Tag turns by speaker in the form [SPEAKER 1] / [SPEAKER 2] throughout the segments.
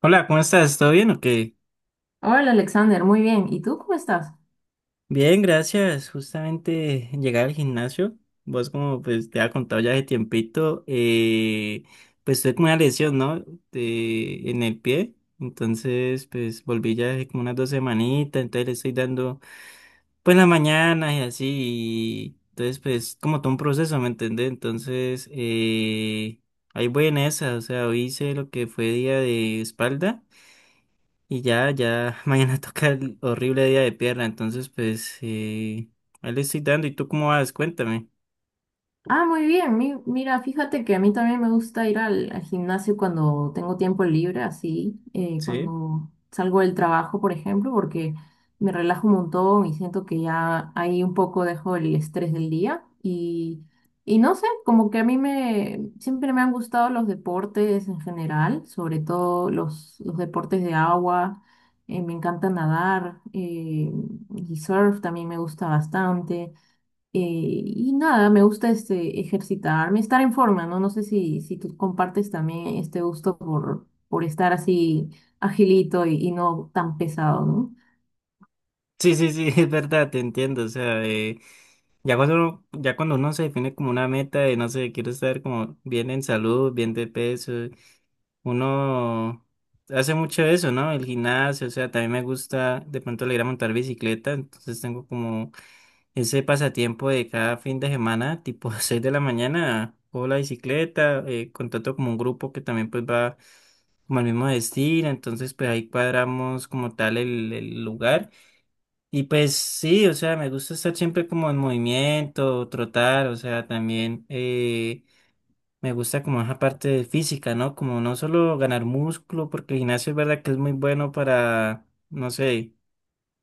[SPEAKER 1] Hola, ¿cómo estás? ¿Todo bien o qué?
[SPEAKER 2] Hola Alexander, muy bien. ¿Y tú cómo estás?
[SPEAKER 1] Bien, gracias. Justamente llegué al gimnasio. Vos como pues te había contado ya de tiempito, pues tuve como una lesión, ¿no? En el pie. Entonces pues volví ya hace como unas dos semanitas. Entonces le estoy dando pues la mañana y así. Y entonces pues como todo un proceso, ¿me entendés? Entonces ahí voy en esa. O sea, hoy hice lo que fue día de espalda. Y ya, ya, mañana toca el horrible día de pierna, entonces pues ahí le estoy dando. ¿Y tú cómo vas? Cuéntame.
[SPEAKER 2] Ah, muy bien. Mira, fíjate que a mí también me gusta ir al gimnasio cuando tengo tiempo libre, así,
[SPEAKER 1] Sí,
[SPEAKER 2] cuando salgo del trabajo, por ejemplo, porque me relajo un montón y siento que ya ahí un poco dejo el estrés del día. Y no sé, como que a mí siempre me han gustado los deportes en general, sobre todo los deportes de agua. Me encanta nadar, y surf también me gusta bastante. Eh, y nada, me gusta este ejercitarme, estar en forma, ¿no? No sé si tú compartes también este gusto por estar así agilito y no tan pesado, ¿no?
[SPEAKER 1] sí, sí, sí, es verdad, te entiendo. O sea, ya cuando uno se define como una meta de, no sé, quiero estar como bien en salud, bien de peso, uno hace mucho eso, ¿no? El gimnasio, o sea, también me gusta, de pronto le ir a montar bicicleta, entonces tengo como ese pasatiempo de cada fin de semana, tipo 6 de la mañana, o la bicicleta, contrato como un grupo que también pues va como al mismo destino, entonces pues ahí cuadramos como tal el lugar. Y pues sí, o sea, me gusta estar siempre como en movimiento, trotar, o sea, también me gusta como esa parte de física, ¿no? Como no solo ganar músculo, porque el gimnasio es verdad que es muy bueno para, no sé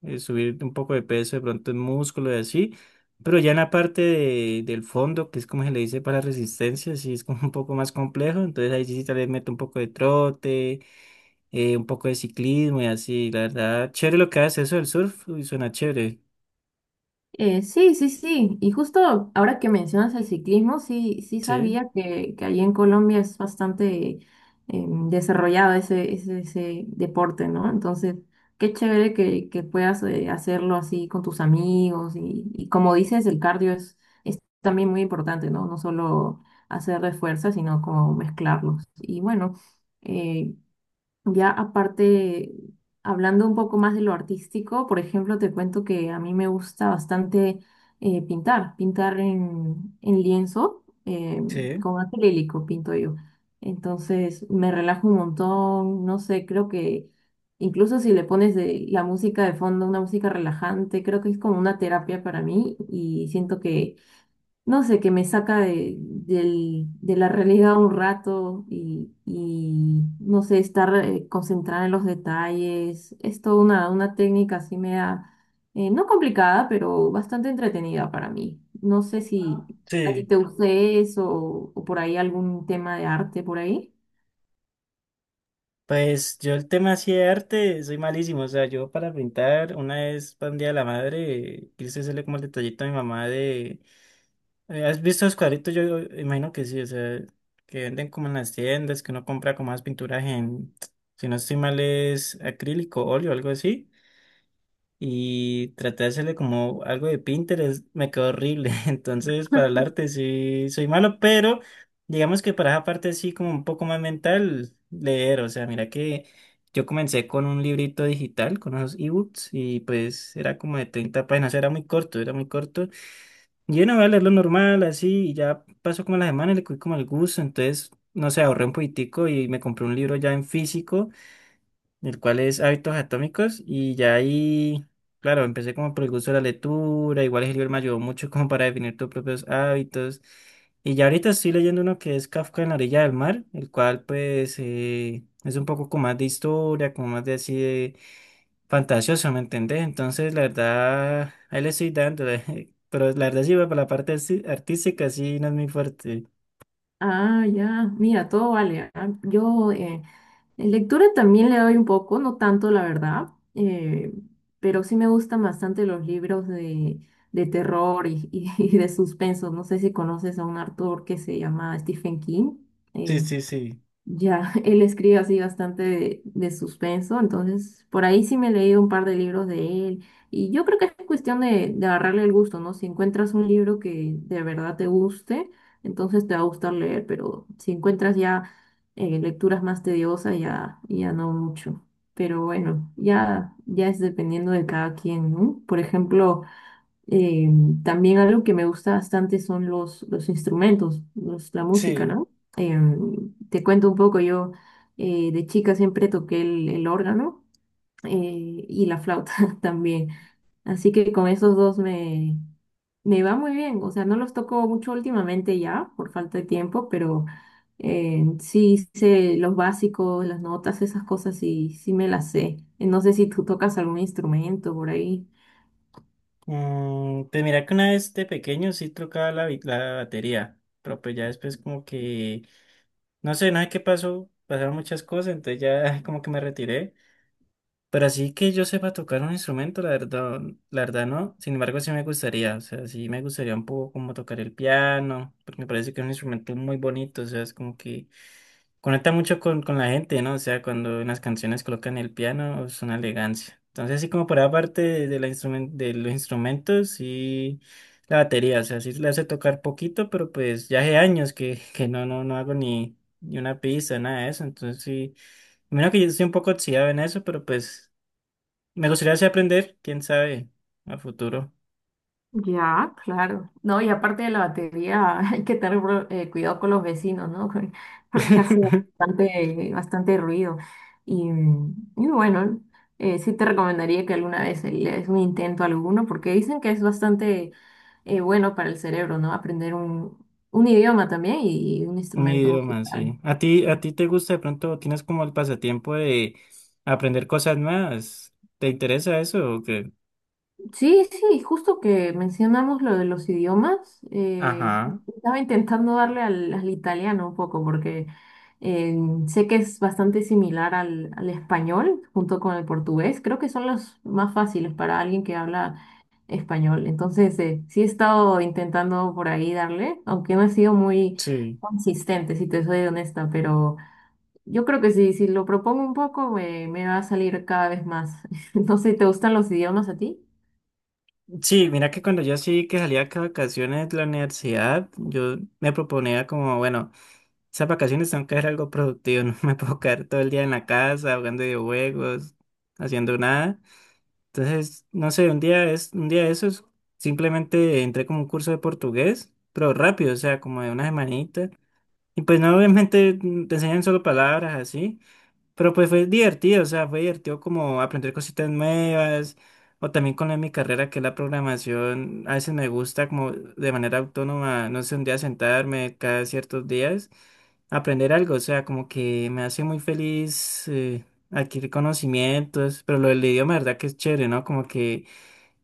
[SPEAKER 1] subir un poco de peso, de pronto en músculo y así, pero ya en la parte del fondo, que es como se le dice para resistencia, sí es como un poco más complejo, entonces ahí sí tal vez meto un poco de trote, un poco de ciclismo y así, la verdad, chévere lo que hace eso del surf, uy, suena chévere,
[SPEAKER 2] Sí, sí, sí. Y justo ahora que mencionas el ciclismo, sí, sí
[SPEAKER 1] sí,
[SPEAKER 2] sabía que allí en Colombia es bastante desarrollado ese deporte, ¿no? Entonces, qué chévere que puedas, hacerlo así con tus amigos. Y como dices, el cardio es también muy importante, ¿no? No solo hacer de fuerza, sino como mezclarlos. Y bueno, eh, ya aparte, hablando un poco más de lo artístico, por ejemplo, te cuento que a mí me gusta bastante, pintar, pintar en lienzo,
[SPEAKER 1] sí,
[SPEAKER 2] con acrílico pinto yo. Entonces me relajo un montón, no sé, creo que incluso si le pones la música de fondo, una música relajante, creo que es como una terapia para mí y siento que, no sé, que me saca de la realidad un rato y, no sé, estar concentrada en los detalles. Es toda una técnica, así me da, no complicada, pero bastante entretenida para mí. No sé si a ti
[SPEAKER 1] sí.
[SPEAKER 2] te guste eso, o por ahí algún tema de arte por ahí.
[SPEAKER 1] Pues yo el tema así de arte soy malísimo, o sea, yo para pintar una vez para un día de la madre quise hacerle como el detallito a mi mamá de ¿Has visto los cuadritos? Yo imagino que sí, o sea, que venden como en las tiendas, que uno compra como más pinturas en, si no estoy mal, es acrílico, óleo, algo así, y traté de hacerle como algo de Pinterest, me quedó horrible, entonces para el arte sí soy malo, pero digamos que para esa parte así como un poco más mental, leer, o sea, mira que yo comencé con un librito digital, con unos ebooks, y pues era como de 30 páginas, era muy corto, era muy corto. Yo no voy a leerlo normal, así, y ya pasó como la semana y le cogí como el gusto, entonces, no sé, ahorré un poquitico y me compré un libro ya en físico, el cual es Hábitos Atómicos, y ya ahí, claro, empecé como por el gusto de la lectura, igual el libro me ayudó mucho como para definir tus propios hábitos, y ya ahorita estoy leyendo uno que es Kafka en la orilla del mar, el cual pues es un poco como más de historia, como más de así de fantasioso, ¿me entendés? Entonces, la verdad, ahí le estoy dando, pero la verdad sí, para la parte artística sí no es muy fuerte.
[SPEAKER 2] Ah, ya, mira, todo vale. Ah. Yo, en lectura también le doy un poco, no tanto la verdad, eh, pero sí me gustan bastante los libros de terror y de suspenso. No sé si conoces a un autor que se llama Stephen King.
[SPEAKER 1] Sí,
[SPEAKER 2] eh,
[SPEAKER 1] sí, sí,
[SPEAKER 2] ya, él escribe así bastante de suspenso, entonces por ahí sí me he leído un par de libros de él y yo creo que es cuestión de agarrarle el gusto, ¿no? Si encuentras un libro que de verdad te guste, entonces te va a gustar leer, pero si encuentras ya, lecturas más tediosas, ya, ya no mucho. Pero bueno, ya, ya es dependiendo de cada quien, ¿no? Por ejemplo... Eh, También algo que me gusta bastante son los instrumentos, la música,
[SPEAKER 1] sí.
[SPEAKER 2] ¿no? Te cuento un poco, yo, de chica siempre toqué el órgano, y la flauta también, así que con esos dos me va muy bien, o sea, no los toco mucho últimamente ya por falta de tiempo, pero, sí sé los básicos, las notas, esas cosas, sí, sí me las sé. No sé si tú tocas algún instrumento por ahí.
[SPEAKER 1] Mm, pues mira que una vez de pequeño sí tocaba la batería, pero pues ya después como que, no sé, nada qué pasó, pasaron muchas cosas, entonces ya como que me retiré. Pero así que yo sepa tocar un instrumento, la verdad no, sin embargo sí me gustaría, o sea, sí me gustaría un poco como tocar el piano, porque me parece que es un instrumento muy bonito, o sea, es como que conecta mucho con la gente, ¿no? O sea, cuando en las canciones colocan el piano, es una elegancia. Entonces, así como por aparte de los instrumentos y la batería, o sea, sí le hace tocar poquito, pero pues ya hace años que, que no, no, no hago ni una pista, nada de eso. Entonces, sí, menos que yo estoy un poco oxidado en eso, pero pues me gustaría así aprender, quién sabe, a futuro.
[SPEAKER 2] Ya, claro. No, y aparte de la batería, hay que tener cuidado con los vecinos, ¿no? Porque hace bastante, bastante ruido. Y, y bueno, sí te recomendaría que alguna vez le des un intento a alguno, porque dicen que es bastante, bueno para el cerebro, ¿no? Aprender un idioma también y un
[SPEAKER 1] Mi
[SPEAKER 2] instrumento
[SPEAKER 1] idioma,
[SPEAKER 2] musical.
[SPEAKER 1] sí. ¿A ti te gusta de pronto, tienes como el pasatiempo de aprender cosas nuevas? ¿Te interesa eso o qué?
[SPEAKER 2] Sí, sí, justo que mencionamos lo de los idiomas,
[SPEAKER 1] Ajá,
[SPEAKER 2] estaba intentando darle al italiano un poco porque, eh, sé que es bastante similar al español junto con el portugués, creo que son los más fáciles para alguien que habla español, entonces, sí he estado intentando por ahí darle, aunque no he sido muy
[SPEAKER 1] sí.
[SPEAKER 2] consistente, si te soy honesta, pero yo creo que sí, si lo propongo un poco me va a salir cada vez más. No sé, ¿te gustan los idiomas a ti?
[SPEAKER 1] Sí, mira que cuando yo sí que salía acá a vacaciones de la universidad, yo me proponía como, bueno, esas vacaciones tengo que hacer algo productivo, no me puedo quedar todo el día en la casa jugando videojuegos, haciendo nada. Entonces, no sé, un día de esos, simplemente entré como un curso de portugués, pero rápido, o sea, como de una semanita. Y pues no, obviamente te enseñan solo palabras así, pero pues fue divertido, o sea, fue divertido como aprender cositas nuevas, o también con lo de mi carrera que es la programación, a veces me gusta como de manera autónoma, no sé, un día sentarme cada ciertos días, aprender algo, o sea, como que me hace muy feliz adquirir conocimientos, pero lo del idioma, verdad que es chévere, ¿no? Como que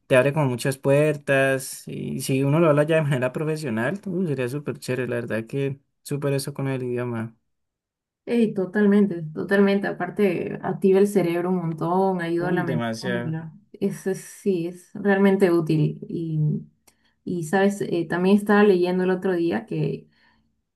[SPEAKER 1] te abre como muchas puertas y si uno lo habla ya de manera profesional, sería súper chévere, la verdad que súper eso con el idioma.
[SPEAKER 2] Ey, totalmente, totalmente. Aparte, activa el cerebro un montón, ayuda a
[SPEAKER 1] Uy,
[SPEAKER 2] la
[SPEAKER 1] demasiado.
[SPEAKER 2] memoria. Eso sí, es realmente útil. Y sabes, también estaba leyendo el otro día que,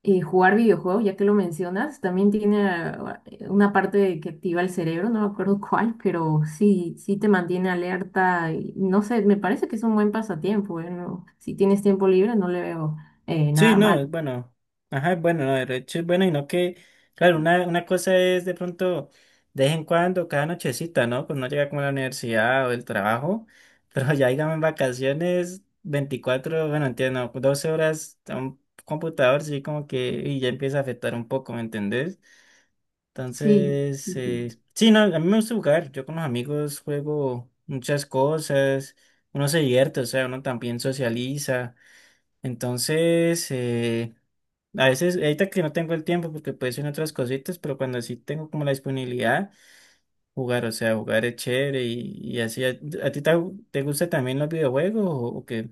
[SPEAKER 2] jugar videojuegos, ya que lo mencionas, también tiene, una parte que activa el cerebro, no me acuerdo cuál, pero sí, sí te mantiene alerta. Y no sé, me parece que es un buen pasatiempo, ¿eh? No, si tienes tiempo libre, no le veo,
[SPEAKER 1] Sí,
[SPEAKER 2] nada
[SPEAKER 1] no,
[SPEAKER 2] mal.
[SPEAKER 1] es bueno. Ajá, es bueno, no, de hecho es bueno y no que, claro, una cosa es de pronto de vez en cuando, cada nochecita, ¿no? Pues no llega como a la universidad o el trabajo, pero ya digamos en vacaciones, 24, bueno, entiendo, 12 horas a un computador, sí, como que y ya empieza a afectar un poco, ¿me entendés?
[SPEAKER 2] Sí.
[SPEAKER 1] Entonces, sí, no, a mí me gusta jugar. Yo con los amigos juego muchas cosas. Uno se divierte, o sea, uno también socializa. Entonces, a veces, ahorita que no tengo el tiempo porque puedo hacer otras cositas, pero cuando sí tengo como la disponibilidad, jugar, o sea, jugar es chévere y así. ¿A ti te gusta también los videojuegos o qué?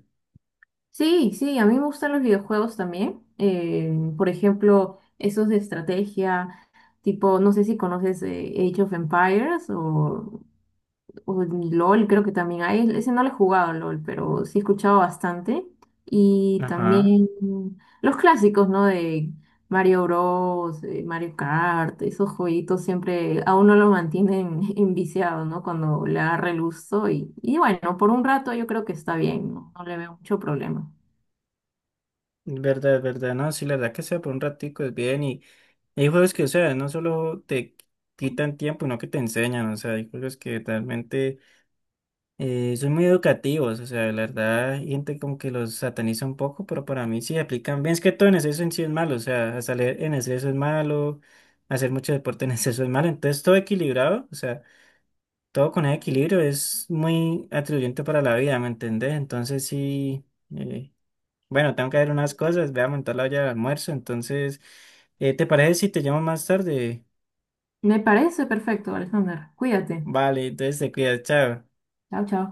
[SPEAKER 2] Sí, sí, a mí me gustan los videojuegos también. Por ejemplo, esos de estrategia, tipo, no sé si conoces, Age of Empires o LOL, creo que también hay. Ese no lo he jugado, LOL, pero sí he escuchado bastante. Y
[SPEAKER 1] Ajá.
[SPEAKER 2] también, los clásicos, ¿no? De Mario Bros, Mario Kart, esos jueguitos siempre a uno lo mantienen enviciado, ¿no? Cuando le agarra el gusto. Y bueno, por un rato yo creo que está bien, no, no le veo mucho problema.
[SPEAKER 1] Verdad, verdad, no, sí, la verdad que sea por un ratico es bien y hay juegos que, o sea, no solo te quitan tiempo, sino que te enseñan, o sea, hay juegos que realmente son muy educativos, o sea, la verdad, hay gente como que los sataniza un poco, pero para mí sí aplican bien, es que todo en exceso en sí es malo, o sea, hasta leer en exceso es malo, hacer mucho deporte en exceso es malo, entonces todo equilibrado, o sea, todo con ese equilibrio es muy atribuyente para la vida, ¿me entendés? Entonces sí. eh, bueno, tengo que ver unas cosas, voy a montar la olla de almuerzo, entonces, ¿te parece si te llamo más tarde?
[SPEAKER 2] Me parece perfecto, Alexander. Cuídate.
[SPEAKER 1] Vale, entonces te cuidas, chao.
[SPEAKER 2] Chao, chao.